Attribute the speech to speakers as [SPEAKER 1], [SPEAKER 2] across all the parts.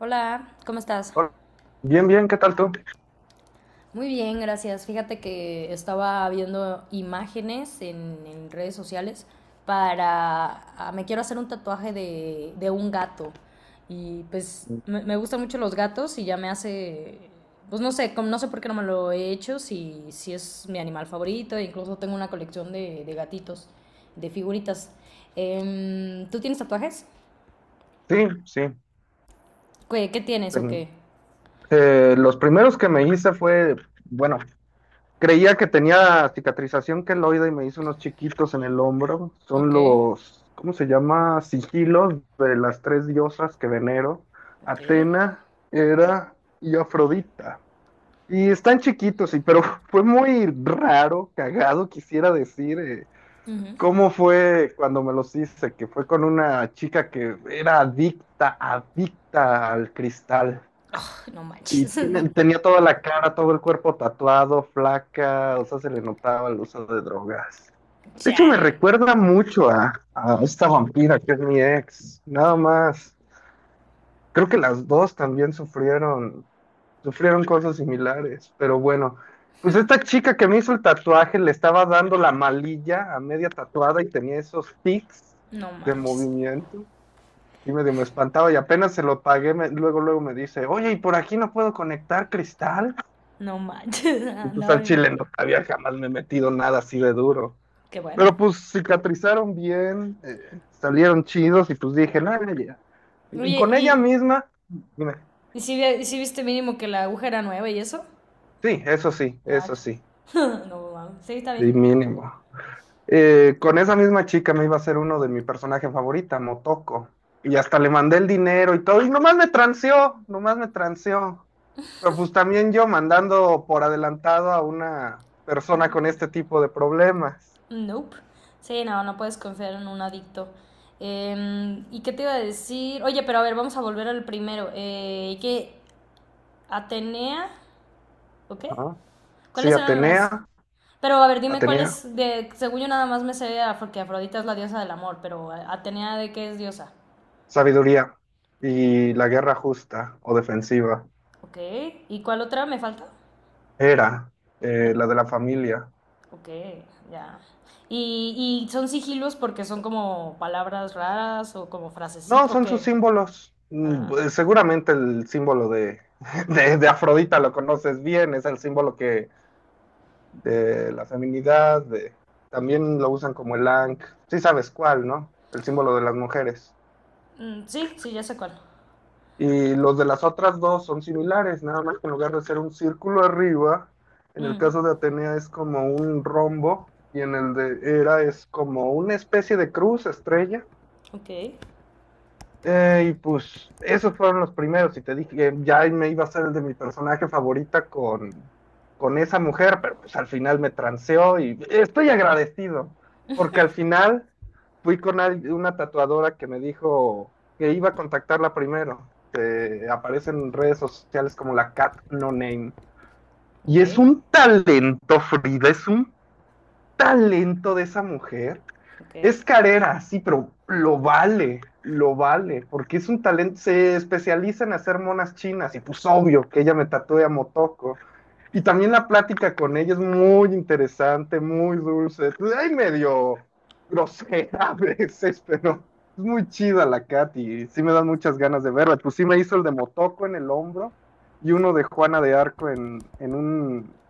[SPEAKER 1] Hola, ¿cómo estás?
[SPEAKER 2] Hola. Bien, bien, ¿qué tal tú?
[SPEAKER 1] Muy bien, gracias. Fíjate que estaba viendo imágenes en redes sociales. para... Me quiero hacer un tatuaje de un gato. Y pues me gustan mucho los gatos. Pues no sé por qué no me lo he hecho, si es mi animal favorito, e incluso tengo una colección de gatitos, de figuritas. ¿Tú tienes tatuajes?
[SPEAKER 2] Sí, sí.
[SPEAKER 1] ¿Qué tienes o
[SPEAKER 2] Ten-
[SPEAKER 1] qué?
[SPEAKER 2] los primeros que me hice fue, bueno, creía que tenía cicatrización queloide y me hice unos chiquitos en el hombro. Son
[SPEAKER 1] Ok,
[SPEAKER 2] los, ¿cómo se llama? Sigilos de las tres diosas que venero:
[SPEAKER 1] ok.
[SPEAKER 2] Atena, Hera y Afrodita. Y están chiquitos, sí, pero fue muy raro, cagado, quisiera decir. eh,
[SPEAKER 1] Ujú.
[SPEAKER 2] ¿Cómo fue cuando me los hice? Que fue con una chica que era adicta al cristal.
[SPEAKER 1] No
[SPEAKER 2] Y
[SPEAKER 1] manches.
[SPEAKER 2] tenía toda la cara, todo el cuerpo tatuado, flaca, o sea, se le notaba el uso de drogas. De hecho, me
[SPEAKER 1] Chale.
[SPEAKER 2] recuerda mucho a esta vampira que es mi ex, nada
[SPEAKER 1] Mm,
[SPEAKER 2] más. Creo que las dos también sufrieron cosas similares, pero bueno, pues esta chica que me hizo el tatuaje le estaba dando la malilla a media tatuada y tenía esos tics
[SPEAKER 1] no
[SPEAKER 2] de
[SPEAKER 1] manches.
[SPEAKER 2] movimiento. Y medio me espantaba y apenas se lo pagué, luego, luego me dice: oye, ¿y por aquí no puedo conectar cristal?
[SPEAKER 1] No manches.
[SPEAKER 2] Y pues
[SPEAKER 1] Andaba
[SPEAKER 2] al
[SPEAKER 1] bien.
[SPEAKER 2] chile no había jamás me metido nada así de duro.
[SPEAKER 1] Qué bueno.
[SPEAKER 2] Pero pues cicatrizaron bien, salieron chidos y pues dije: "no, ya". Y
[SPEAKER 1] Oye,
[SPEAKER 2] con ella
[SPEAKER 1] ¿y,
[SPEAKER 2] misma, dime.
[SPEAKER 1] y si, vi- y si viste mínimo que la aguja era nueva y eso?
[SPEAKER 2] Sí, eso sí,
[SPEAKER 1] Ah,
[SPEAKER 2] eso sí,
[SPEAKER 1] no mames. Sí, está bien.
[SPEAKER 2] sí, mínimo. Con esa misma chica me iba a ser uno de mi personaje favorita, Motoko. Y hasta le mandé el dinero y todo, y nomás me transeó. Pero pues también yo mandando por adelantado a una persona con este tipo de problemas,
[SPEAKER 1] Nope. Sí, no, no puedes confiar en un adicto. ¿Y qué te iba a decir? Oye, pero a ver, vamos a volver al primero. ¿Qué? ¿Atenea? ¿O qué?
[SPEAKER 2] ¿no? Sí,
[SPEAKER 1] ¿Cuáles eran las?
[SPEAKER 2] Atenea.
[SPEAKER 1] Pero a ver, dime cuál
[SPEAKER 2] Atenea,
[SPEAKER 1] es, de, según yo nada más me sé porque Afrodita es la diosa del amor, pero Atenea de qué es diosa.
[SPEAKER 2] Sabiduría y la guerra justa o defensiva.
[SPEAKER 1] Ok, ¿y cuál otra me falta?
[SPEAKER 2] Era
[SPEAKER 1] Eh,
[SPEAKER 2] la de la familia.
[SPEAKER 1] ok, ya. ¿Y son sigilos porque son como palabras raras o como
[SPEAKER 2] No,
[SPEAKER 1] frasecitas? Ok.
[SPEAKER 2] son sus símbolos. Mm, pues
[SPEAKER 1] Ah,
[SPEAKER 2] seguramente el símbolo de Afrodita lo conoces bien, es el símbolo que de la feminidad. También lo usan como el Ankh, sí sabes cuál, ¿no? El símbolo de las mujeres.
[SPEAKER 1] mm, sí, sí, ya sé cuál.
[SPEAKER 2] Y los de las otras dos son similares, nada más que en lugar de ser un círculo arriba, en el
[SPEAKER 1] Mm,
[SPEAKER 2] caso de Atenea es como un rombo y en el de Hera es como una especie de cruz, estrella.
[SPEAKER 1] ok,
[SPEAKER 2] Y pues esos fueron los primeros, y te dije que ya me iba a hacer el de mi personaje favorita con esa mujer, pero pues al final me transeó y estoy agradecido porque al final fui con una tatuadora que me dijo que iba a contactarla primero, que aparece en redes sociales como la Cat No Name. Y
[SPEAKER 1] ok,
[SPEAKER 2] es un talento, Frida, es un talento de esa mujer.
[SPEAKER 1] ok,
[SPEAKER 2] Es carera, sí, pero lo vale, porque es un talento, se especializa en hacer monas chinas y pues obvio que ella me tatúe a Motoko. Y también la plática con ella es muy interesante, muy dulce, hay medio grosera a veces, pero es muy chida la Kat y sí me dan muchas ganas de verla. Pues sí me hizo el de Motoko en el hombro y uno de Juana de Arco en un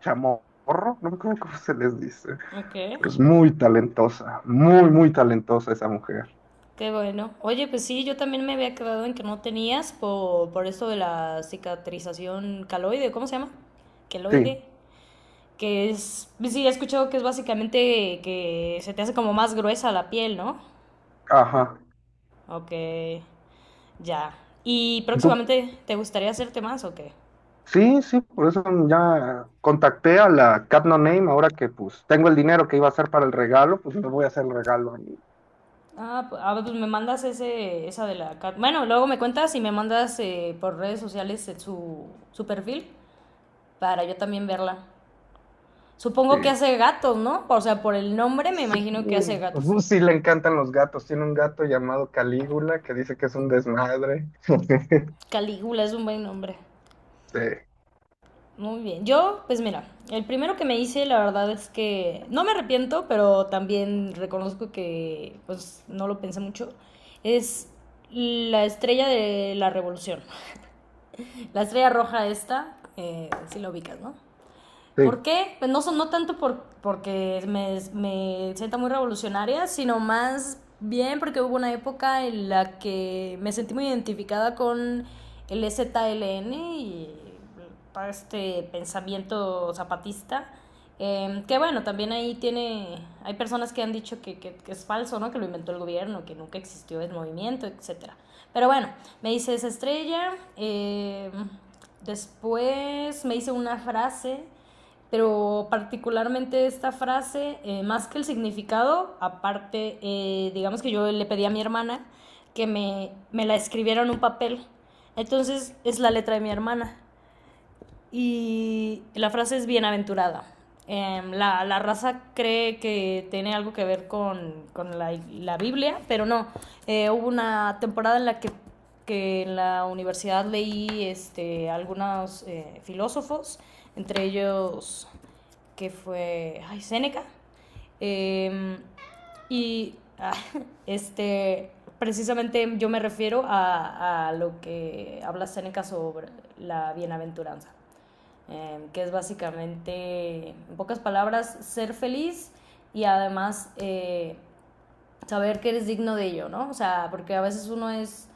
[SPEAKER 2] chamorro, no me acuerdo cómo se les dice.
[SPEAKER 1] ok.
[SPEAKER 2] Pero es muy talentosa, muy, muy talentosa esa mujer.
[SPEAKER 1] Qué bueno. Oye, pues sí, yo también me había quedado en que no tenías por esto de la cicatrización caloide, ¿cómo se llama?
[SPEAKER 2] Sí,
[SPEAKER 1] Queloide. Que es, sí, he escuchado que es básicamente que se te hace como más gruesa la piel, ¿no?
[SPEAKER 2] ajá.
[SPEAKER 1] Ok, ya. ¿Y
[SPEAKER 2] Du-
[SPEAKER 1] próximamente te gustaría hacerte más o qué?
[SPEAKER 2] sí, sí, por eso ya contacté a la Cat No Name ahora que pues tengo el dinero que iba a hacer para el regalo, pues me voy a hacer el regalo a mí.
[SPEAKER 1] Ah, pues me mandas ese, esa de la, Bueno, luego me cuentas y me mandas por redes sociales, su perfil para yo también verla.
[SPEAKER 2] Sí.
[SPEAKER 1] Supongo que hace gatos, ¿no? O sea, por el nombre me
[SPEAKER 2] Sí,
[SPEAKER 1] imagino que hace
[SPEAKER 2] pues,
[SPEAKER 1] gatos.
[SPEAKER 2] sí le encantan los gatos. Tiene un gato llamado Calígula que dice que es un desmadre.
[SPEAKER 1] Calígula es un buen nombre.
[SPEAKER 2] Sí,
[SPEAKER 1] Muy bien. Yo, pues mira, el primero que me hice, la verdad es que no me arrepiento, pero también reconozco que pues no lo pensé mucho, es la estrella de la revolución. La estrella roja esta, si la ubicas, ¿no?
[SPEAKER 2] sí.
[SPEAKER 1] ¿Por qué? Pues no, no tanto porque me sienta muy revolucionaria, sino más bien porque hubo una época en la que me sentí muy identificada con el EZLN y este pensamiento zapatista. Que bueno, también ahí hay personas que han dicho que es falso, ¿no? Que lo inventó el gobierno, que nunca existió el movimiento, etcétera. Pero bueno, me hice esa estrella. Después me hice una frase, pero particularmente esta frase, más que el significado, aparte, digamos que yo le pedí a mi hermana que me la escribiera en un papel. Entonces es la letra de mi hermana. Y la frase es bienaventurada. La raza cree que tiene algo que ver con la Biblia, pero no. Hubo una temporada en la que en la universidad leí algunos filósofos, entre ellos Seneca. Y ah, este, precisamente yo me refiero a lo que habla Seneca sobre la bienaventuranza, que es básicamente, en pocas palabras, ser feliz y además saber que eres digno de ello, ¿no? O sea, porque a veces uno es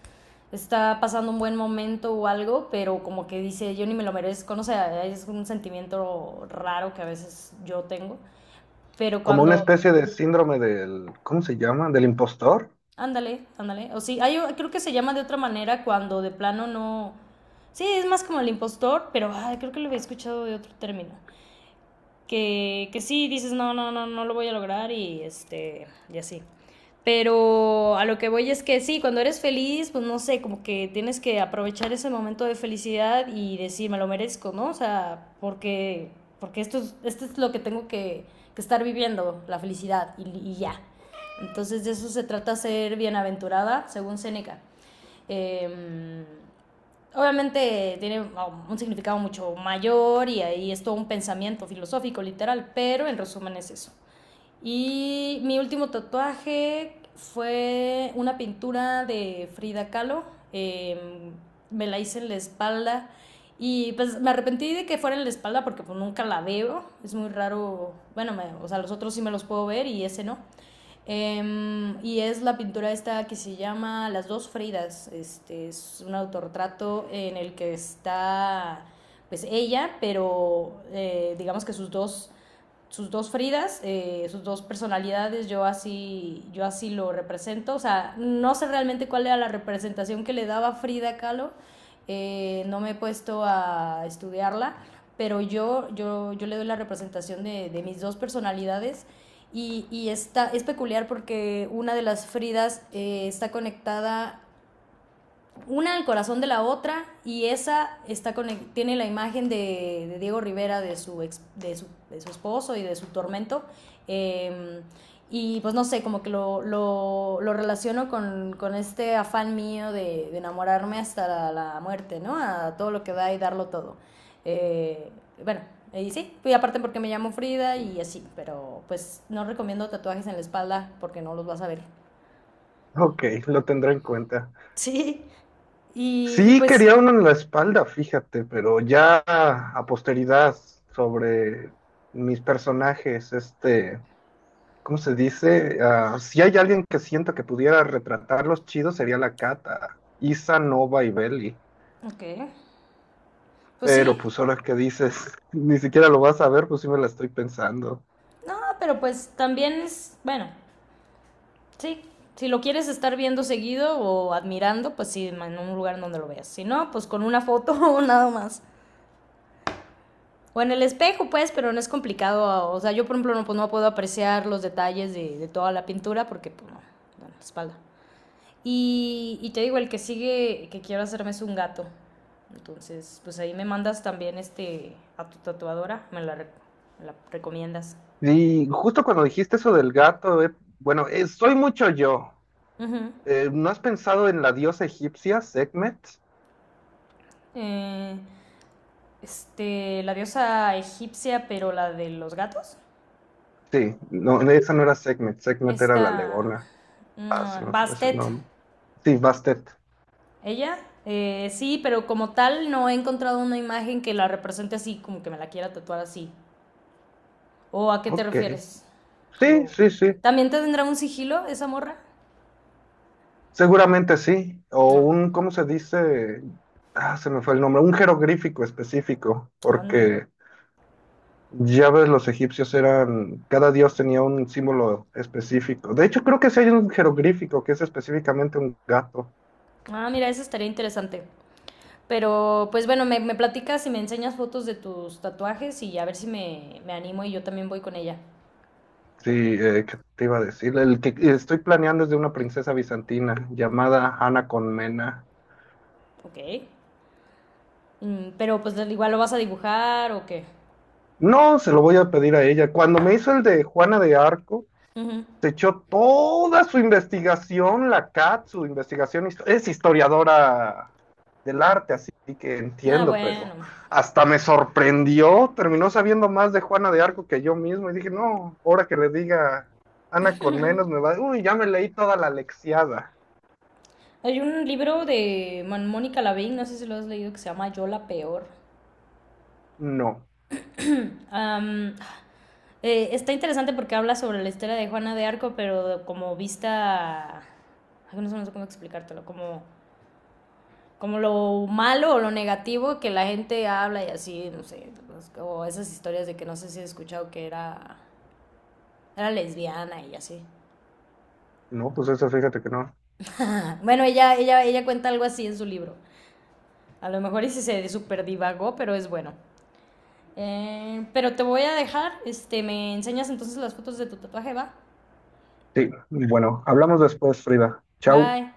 [SPEAKER 1] está pasando un buen momento o algo, pero como que dice, yo ni me lo merezco, no sé, es un sentimiento raro que a veces yo tengo, pero
[SPEAKER 2] Como una
[SPEAKER 1] cuando,
[SPEAKER 2] especie de síndrome del, ¿cómo se llama? ¿Del impostor?
[SPEAKER 1] ándale, ándale, o sí, hay, creo que se llama de otra manera cuando de plano no, sí, es más como el impostor, pero ay, creo que lo había escuchado de otro término, que sí, dices, no, no, no, no lo voy a lograr y así. Pero a lo que voy es que sí, cuando eres feliz, pues no sé, como que tienes que aprovechar ese momento de felicidad y decir, me lo merezco, ¿no? O sea, porque esto es lo que tengo que estar viviendo, la felicidad, y ya. Entonces de eso se trata ser bienaventurada, según Seneca. Eh, Obviamente tiene un significado mucho mayor, y ahí es todo un pensamiento filosófico literal, pero en resumen es eso. Y mi último tatuaje fue una pintura de Frida Kahlo. eh, Me la hice en la espalda. Y pues me arrepentí de que fuera en la espalda porque pues nunca la veo. Es muy raro. Bueno, o sea, los otros sí me los puedo ver y ese no. Y es la pintura esta que se llama Las dos Fridas. Este es un autorretrato en el que está pues ella, pero digamos que sus dos Fridas, sus dos personalidades, yo así lo represento. O sea, no sé realmente cuál era la representación que le daba Frida Kahlo, no me he puesto a estudiarla, pero yo le doy la representación de mis dos personalidades. Y es peculiar porque una de las Fridas está conectada una al corazón de la otra, y esa está con el, tiene la imagen de Diego Rivera, de su ex, de su esposo y de su tormento. Eh, y pues no sé, como que lo relaciono con este afán mío de enamorarme hasta la muerte, ¿no? A todo lo que da y darlo todo. Eh, bueno, y sí, y aparte porque me llamo Frida y así, pero pues no recomiendo tatuajes en la espalda porque no los vas a ver.
[SPEAKER 2] Ok, lo tendré en cuenta.
[SPEAKER 1] Sí. Y
[SPEAKER 2] Sí,
[SPEAKER 1] pues,
[SPEAKER 2] quería uno en la espalda, fíjate, pero ya a posteridad sobre mis personajes, este, ¿cómo se dice? Ah, si hay alguien que sienta que pudiera retratarlos chido, sería la Cata, Isa, Nova y Belly.
[SPEAKER 1] okay. Pues sí,
[SPEAKER 2] Pero pues ahora que dices, ni siquiera lo vas a ver, pues sí me la estoy pensando.
[SPEAKER 1] no, pero pues también bueno, sí, si lo quieres estar viendo seguido o admirando, pues sí, en un lugar donde lo veas. Si no, pues con una foto o nada más. O en el espejo, pues, pero no es complicado. O sea, yo, por ejemplo, no, pues, no puedo apreciar los detalles de toda la pintura porque, pues, no, no, la espalda. Y te digo, el que sigue que quiero hacerme es un gato. Entonces, pues ahí me mandas también a tu tatuadora, me la recomiendas.
[SPEAKER 2] Y justo cuando dijiste eso del gato, bueno, soy mucho yo.
[SPEAKER 1] Ujú.
[SPEAKER 2] ¿No has pensado en la diosa egipcia, Sekhmet?
[SPEAKER 1] Eh, la diosa egipcia, pero la de los gatos.
[SPEAKER 2] Sí, no, no, esa no era Segmet, Segmet era la
[SPEAKER 1] Esta.
[SPEAKER 2] Leona. Ah, se me fue ese
[SPEAKER 1] Bastet.
[SPEAKER 2] nombre. Sí, Bastet.
[SPEAKER 1] Ella. Sí, pero como tal no he encontrado una imagen que la represente así, como que me la quiera tatuar así. ¿O a qué te
[SPEAKER 2] Ok.
[SPEAKER 1] refieres?
[SPEAKER 2] Sí,
[SPEAKER 1] Como.
[SPEAKER 2] sí, sí.
[SPEAKER 1] ¿También tendrá un sigilo esa morra?
[SPEAKER 2] Seguramente sí. O
[SPEAKER 1] No.
[SPEAKER 2] un, ¿cómo se dice? Ah, se me fue el nombre. Un jeroglífico específico,
[SPEAKER 1] Ah, no.
[SPEAKER 2] porque ya ves, los egipcios eran, cada dios tenía un símbolo específico. De hecho, creo que sí hay un jeroglífico que es específicamente un gato.
[SPEAKER 1] Ah, mira, eso estaría interesante. Pero, pues bueno, me platicas y me enseñas fotos de tus tatuajes y a ver si me animo y yo también voy con ella.
[SPEAKER 2] Sí, ¿qué te iba a decir? El que estoy planeando es de una princesa bizantina llamada Ana Colmena.
[SPEAKER 1] Ok. Mm, pero pues igual lo vas a dibujar o qué.
[SPEAKER 2] No, se lo voy a pedir a ella. Cuando me hizo el de Juana de Arco,
[SPEAKER 1] Ujú.
[SPEAKER 2] se echó toda su investigación, la Cat, su investigación, es historiadora del arte, así que
[SPEAKER 1] Ah,
[SPEAKER 2] entiendo,
[SPEAKER 1] bueno.
[SPEAKER 2] pero hasta me sorprendió, terminó sabiendo más de Juana de Arco que yo mismo y dije: no, ahora que le diga Ana con menos me va, uy, ya me leí toda la lexiada.
[SPEAKER 1] Hay un libro de Mónica Lavín, no sé si lo has leído, que se llama Yo la Peor.
[SPEAKER 2] No,
[SPEAKER 1] Am, Está interesante porque habla sobre la historia de Juana de Arco, pero como vista. Ay, no sé cómo explicártelo, como lo malo o lo negativo que la gente habla y así, no sé, pues, o esas historias de que no sé si he escuchado que era lesbiana y así.
[SPEAKER 2] no, pues eso fíjate que no.
[SPEAKER 1] Ah, bueno, ella cuenta algo así en su libro. A lo mejor ese se super divagó, pero es bueno. Pero te voy a dejar, me enseñas entonces las fotos de tu tatuaje, va.
[SPEAKER 2] Sí, bueno, hablamos después, Frida. Chau.
[SPEAKER 1] Bye.